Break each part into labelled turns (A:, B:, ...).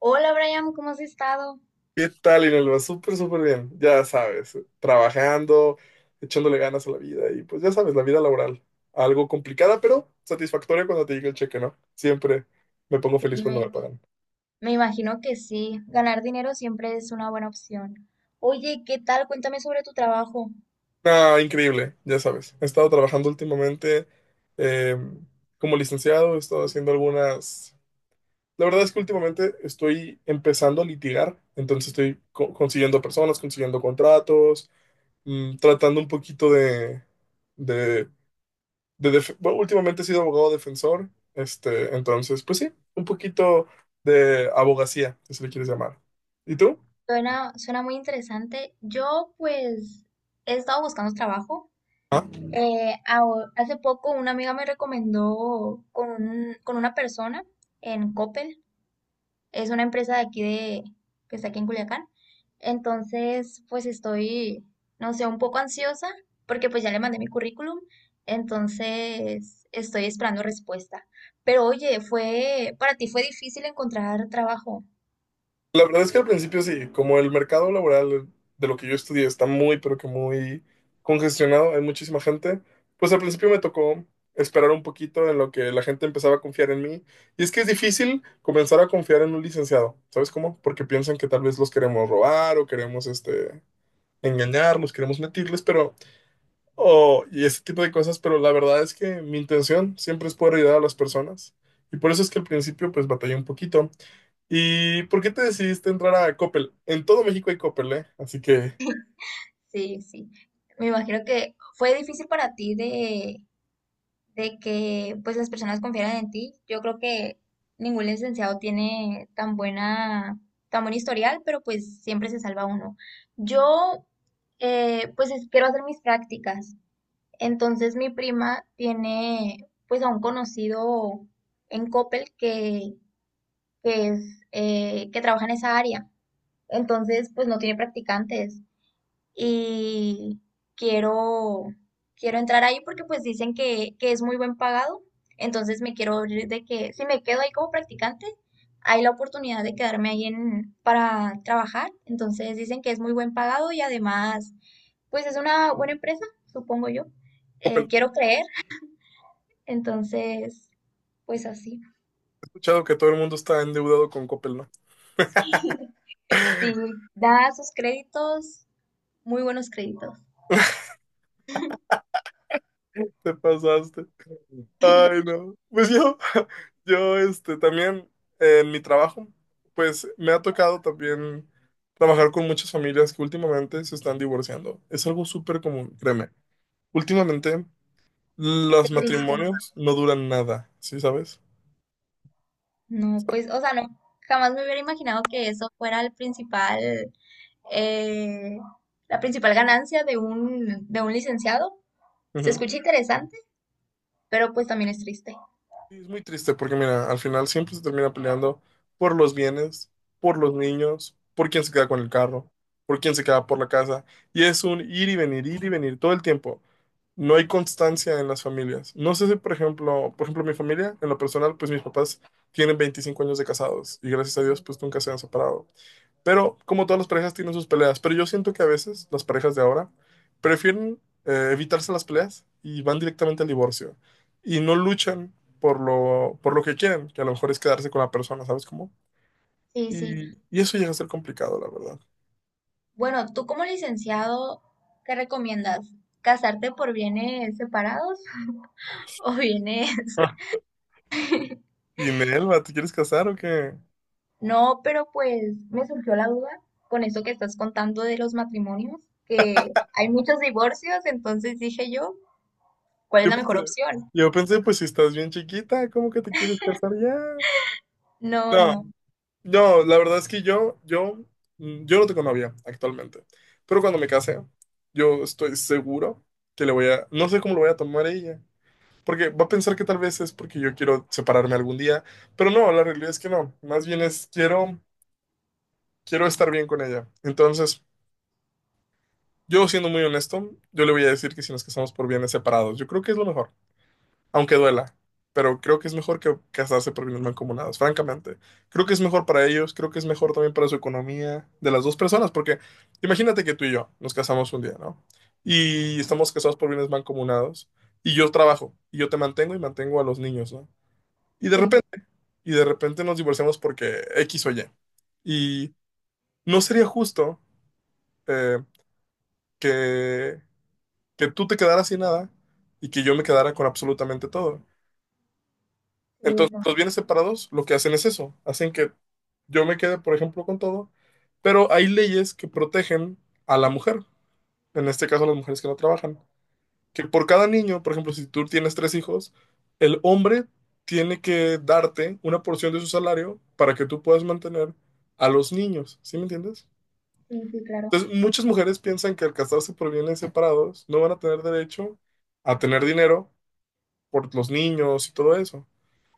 A: Hola Brian, ¿cómo has estado?
B: ¿Qué tal, Inelva? Súper bien. Ya sabes, trabajando, echándole ganas a la vida y pues ya sabes, la vida laboral. Algo complicada, pero satisfactoria cuando te llega el cheque, ¿no? Siempre me pongo feliz
A: Sí,
B: cuando me
A: me,
B: pagan.
A: me imagino que sí. Ganar dinero siempre es una buena opción. Oye, ¿qué tal? Cuéntame sobre tu trabajo.
B: Ah, increíble, ya sabes. He estado trabajando últimamente eh, como licenciado, he estado haciendo algunas... La verdad es que últimamente estoy empezando a litigar, entonces estoy consiguiendo personas, consiguiendo contratos, tratando un poquito de... de bueno, últimamente he sido abogado defensor, este, entonces, pues sí, un poquito de abogacía, si se le quieres llamar. ¿Y tú?
A: Suena muy interesante. Yo, pues, he estado buscando trabajo.
B: Ah,
A: Hace poco una amiga me recomendó con una persona en Coppel. Es una empresa de aquí que está aquí en Culiacán. Entonces, pues estoy, no sé, un poco ansiosa porque pues ya le mandé mi currículum. Entonces, estoy esperando respuesta. Pero oye, para ti fue difícil encontrar trabajo.
B: la verdad es que al principio sí, como el mercado laboral de lo que yo estudié está muy, pero que muy congestionado, hay muchísima gente, pues al principio me tocó esperar un poquito en lo que la gente empezaba a confiar en mí. Y es que es difícil comenzar a confiar en un licenciado, ¿sabes cómo? Porque piensan que tal vez los queremos robar o queremos este, engañarlos, queremos mentirles, pero o, y ese tipo de cosas, pero la verdad es que mi intención siempre es poder ayudar a las personas. Y por eso es que al principio pues batallé un poquito. ¿Y por qué te decidiste entrar a Coppel? En todo México hay Coppel, ¿eh? Así que,
A: Sí, sí. Me imagino que fue difícil para ti de que pues las personas confiaran en ti. Yo creo que ningún licenciado tiene tan buen historial, pero pues siempre se salva uno. Yo quiero hacer mis prácticas. Entonces mi prima tiene pues a un conocido en Coppel que es, que trabaja en esa área. Entonces pues no tiene practicantes y quiero, quiero entrar ahí porque pues dicen que es muy buen pagado. Entonces me quiero ir de que si me quedo ahí como practicante, hay la oportunidad de quedarme para trabajar. Entonces dicen que es muy buen pagado y además pues es una buena empresa, supongo yo,
B: Coppel, he
A: quiero creer. Entonces pues así,
B: escuchado que todo el mundo está endeudado con Coppel, ¿no?
A: sí, da sus créditos, muy buenos créditos.
B: Te pasaste. Ay, no. Pues yo, yo, este, también en mi trabajo, pues me ha tocado también trabajar con muchas familias que últimamente se están divorciando. Es algo súper común, créeme. Últimamente
A: Qué
B: los
A: triste.
B: matrimonios no duran nada, ¿sí sabes?
A: No, pues, o sea, no, jamás me hubiera imaginado que eso fuera el principal, eh, la principal ganancia de un licenciado. Se
B: Ujú.
A: escucha interesante, pero pues también es triste.
B: Sí, es muy triste porque, mira, al final siempre se termina peleando por los bienes, por los niños, por quién se queda con el carro, por quién se queda por la casa. Y es un ir y venir todo el tiempo. No hay constancia en las familias. No sé si, por ejemplo, mi familia, en lo personal, pues mis papás tienen 25 años de casados y gracias a Dios, pues nunca se han separado. Pero como todas las parejas tienen sus peleas, pero yo siento que a veces las parejas de ahora prefieren evitarse las peleas y van directamente al divorcio y no luchan por lo que quieren, que a lo mejor es quedarse con la persona, ¿sabes cómo?
A: Sí, sí.
B: Y eso llega a ser complicado, la verdad.
A: Bueno, tú como licenciado, ¿qué recomiendas? ¿Casarte por bienes separados o bienes?
B: Ah, y Nelva, ¿te quieres casar o qué?
A: No, pero pues me surgió la duda con eso que estás contando de los matrimonios, que hay muchos divorcios, entonces dije yo, ¿cuál es
B: Yo
A: la
B: pensé,
A: mejor opción?
B: yo pensé, pues si estás bien chiquita, ¿cómo que te quieres casar ya?
A: No,
B: No,
A: no.
B: no, la verdad es que yo, yo no tengo novia actualmente, pero cuando me case, yo estoy seguro que le voy a, no sé cómo lo voy a tomar ella, porque va a pensar que tal vez es porque yo quiero separarme algún día, pero no, la realidad es que no, más bien es quiero quiero estar bien con ella. Entonces, yo siendo muy honesto, yo le voy a decir que si nos casamos por bienes separados, yo creo que es lo mejor, aunque duela. Pero creo que es mejor que casarse por bienes mancomunados, francamente. Creo que es mejor para ellos, creo que es mejor también para su economía de las dos personas, porque imagínate que tú y yo nos casamos un día, ¿no? Y estamos casados por bienes mancomunados, y yo trabajo, y yo te mantengo y mantengo a los niños, ¿no? Y de
A: Sí.
B: repente, y de repente nos divorciamos porque X o Y. Y no sería justo. eh, que, que tú te quedaras sin nada y que yo me quedara con absolutamente todo.
A: Sí,
B: Entonces,
A: está.
B: los bienes separados lo que hacen es eso, hacen que yo me quede, por ejemplo, con todo, pero hay leyes que protegen a la mujer, en este caso a las mujeres que no trabajan, que por cada niño, por ejemplo, si tú tienes tres hijos, el hombre tiene que darte una porción de su salario para que tú puedas mantener a los niños, ¿sí me entiendes?
A: Sí, sí, claro.
B: Entonces, muchas mujeres piensan que al casarse por bienes separados no van a tener derecho a tener dinero por los niños y todo eso.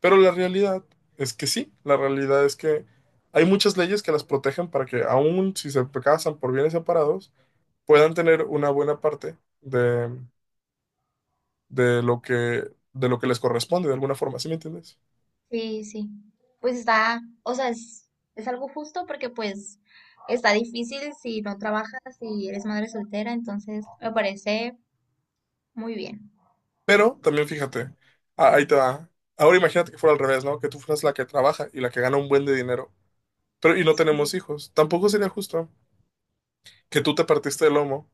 B: Pero la realidad es que sí, la realidad es que hay muchas leyes que las protegen para que aun si se casan por bienes separados, puedan tener una buena parte de lo que, de lo que les corresponde de alguna forma, ¿sí me entiendes?
A: Sí, sí. Pues está, o sea, es algo justo porque pues está difícil si no trabajas, si eres madre soltera, entonces me parece muy bien.
B: Pero también fíjate, ah, ahí te va. Ahora imagínate que fuera al revés, ¿no? Que tú fueras la que trabaja y la que gana un buen de dinero. Pero, y no
A: Sí.
B: tenemos hijos. Tampoco sería justo. Que tú te partiste el lomo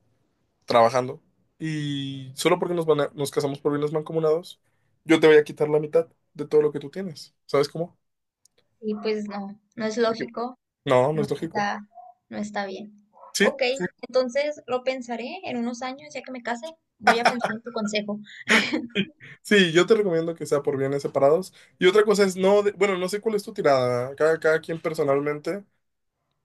B: trabajando y solo porque nos, nos casamos por bienes mancomunados, yo te voy a quitar la mitad de todo lo que tú tienes. ¿Sabes cómo?
A: Y pues no, no es
B: Porque-
A: lógico,
B: No, no
A: no
B: es lógico.
A: está, no está bien.
B: Sí,
A: Ok,
B: ju-
A: entonces lo pensaré en unos años, ya que me case, voy a pensar en tu consejo.
B: sí, yo te recomiendo que sea por bienes separados. Y otra cosa es, no, bueno, no sé cuál es tu tirada. Cada quien personalmente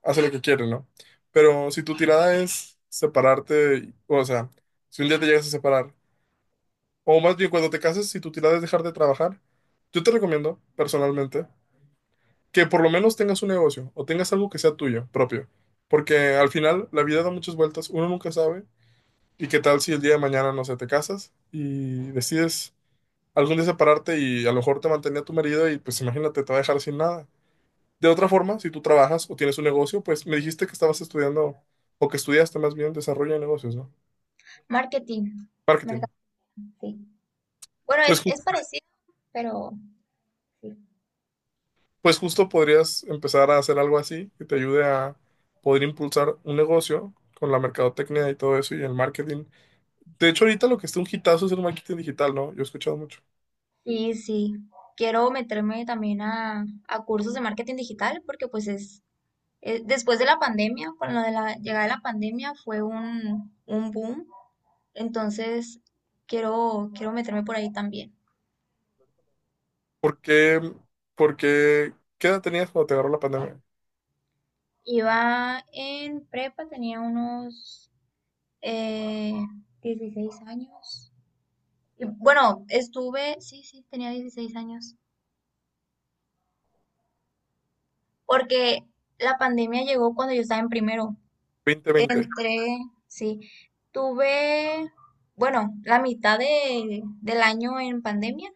B: hace lo que quiere, ¿no? Pero si tu tirada es separarte, o sea, si un día te llegas a separar, o más bien cuando te cases, si tu tirada es dejar de trabajar, yo te recomiendo personalmente que por lo menos tengas un negocio o tengas algo que sea tuyo, propio. Porque al final la vida da muchas vueltas, uno nunca sabe. ¿Y qué tal si el día de mañana, no sé, te casas y decides algún día separarte y a lo mejor te mantenía tu marido y pues imagínate, te va a dejar sin nada? De otra forma, si tú trabajas o tienes un negocio, pues me dijiste que estabas estudiando o que estudiaste más bien desarrollo de negocios, ¿no?
A: Marketing,
B: Marketing.
A: mercado, sí. Bueno,
B: Pues, ju-
A: es parecido, pero sí.
B: pues justo podrías empezar a hacer algo así que te ayude a poder impulsar un negocio con la mercadotecnia y todo eso y el marketing. De hecho, ahorita lo que está un hitazo es el marketing digital, ¿no? Yo he escuchado mucho.
A: Y sí, quiero meterme también a cursos de marketing digital porque pues es, después de la pandemia, con lo de la llegada de la pandemia fue un boom. Entonces quiero meterme por ahí también.
B: ¿Por qué? ¿Por qué? ¿Qué edad tenías cuando te agarró la pandemia?
A: Iba en prepa, tenía unos eh, 16 años. Y bueno, sí, tenía 16 años, porque la pandemia llegó cuando yo estaba en primero.
B: 2020.
A: Entre, sí, tuve, bueno, la mitad del año en pandemia,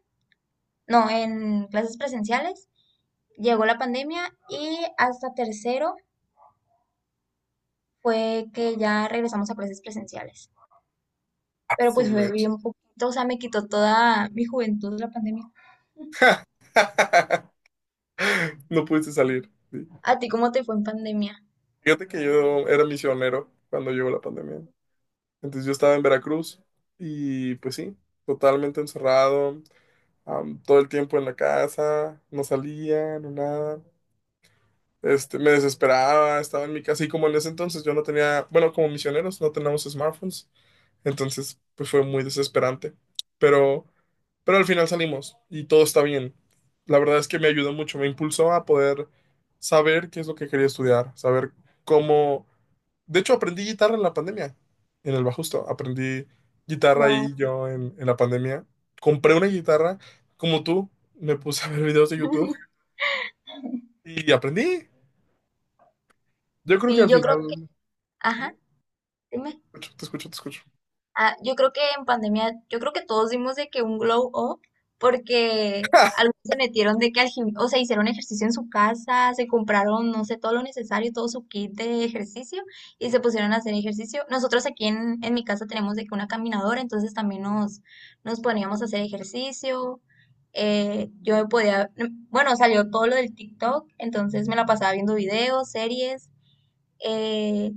A: no, en clases presenciales, llegó la pandemia y hasta tercero fue que ya regresamos a clases presenciales.
B: Ah,
A: Pero
B: su
A: pues fue
B: mecha.
A: bien poquito, o sea, me quitó toda mi juventud la pandemia.
B: No pudiste salir. Sí.
A: ¿A ti cómo te fue en pandemia?
B: Fíjate que yo era misionero cuando llegó la pandemia. Entonces yo estaba en Veracruz y pues sí, totalmente encerrado, todo el tiempo en la casa, no salía, no nada. Este, me desesperaba, estaba en mi casa y como en ese entonces yo no tenía, bueno, como misioneros no tenemos smartphones, entonces, pues fue muy desesperante. Pero, pero al final salimos y todo está bien. La verdad es que me ayudó mucho, me impulsó a poder saber qué es lo que quería estudiar, saber cómo... De hecho, aprendí guitarra en la pandemia, en el Bajusto. Aprendí guitarra
A: Wow.
B: ahí yo en la pandemia. Compré una guitarra, como tú, me puse a ver videos de YouTube y aprendí. Yo creo que
A: Sí,
B: al
A: yo creo
B: final...
A: que,
B: Ujú,
A: ajá, dime.
B: te escucho
A: Ah, yo creo que en pandemia, yo creo que todos dimos de que un glow up, porque algunos se metieron de que al gim- o sea, hicieron ejercicio en su casa, se compraron, no sé, todo lo necesario, todo su kit de ejercicio y se pusieron a hacer ejercicio. Nosotros aquí en mi casa tenemos de que una caminadora, entonces también nos poníamos a hacer ejercicio. Yo podía, bueno, salió todo lo del TikTok, entonces me la pasaba viendo videos, series. Eh,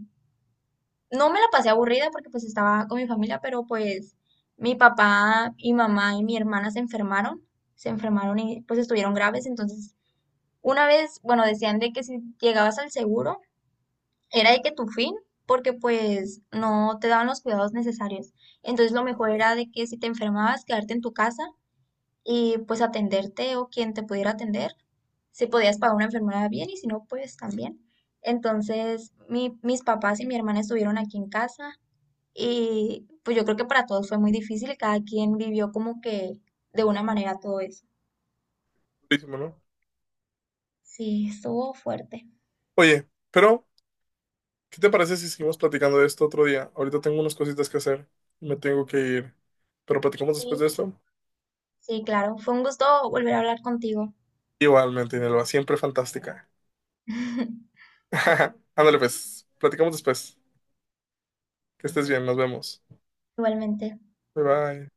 A: no me la pasé aburrida porque pues estaba con mi familia, pero pues mi papá y mamá y mi hermana se enfermaron y pues estuvieron graves, entonces una vez, bueno, decían de que si llegabas al seguro era de que tu fin, porque pues no te daban los cuidados necesarios. Entonces lo mejor era de que si te enfermabas, quedarte en tu casa y pues atenderte o quien te pudiera atender, si podías pagar una enfermedad bien y si no, pues también. Entonces mis papás y mi hermana estuvieron aquí en casa y pues yo creo que para todos fue muy difícil y cada quien vivió como que de una manera todo eso.
B: Durísimo, ¿no?
A: Sí, estuvo fuerte.
B: Oye, pero ¿qué te parece si seguimos platicando de esto otro día? Ahorita tengo unas cositas que hacer, me tengo que ir. Pero platicamos después
A: Sí,
B: de esto.
A: sí, claro. Fue un gusto volver a hablar contigo.
B: Igualmente, Inelva, siempre fantástica. Ándale, pues, platicamos después. Que estés bien, nos vemos.
A: Igualmente.
B: Bye bye.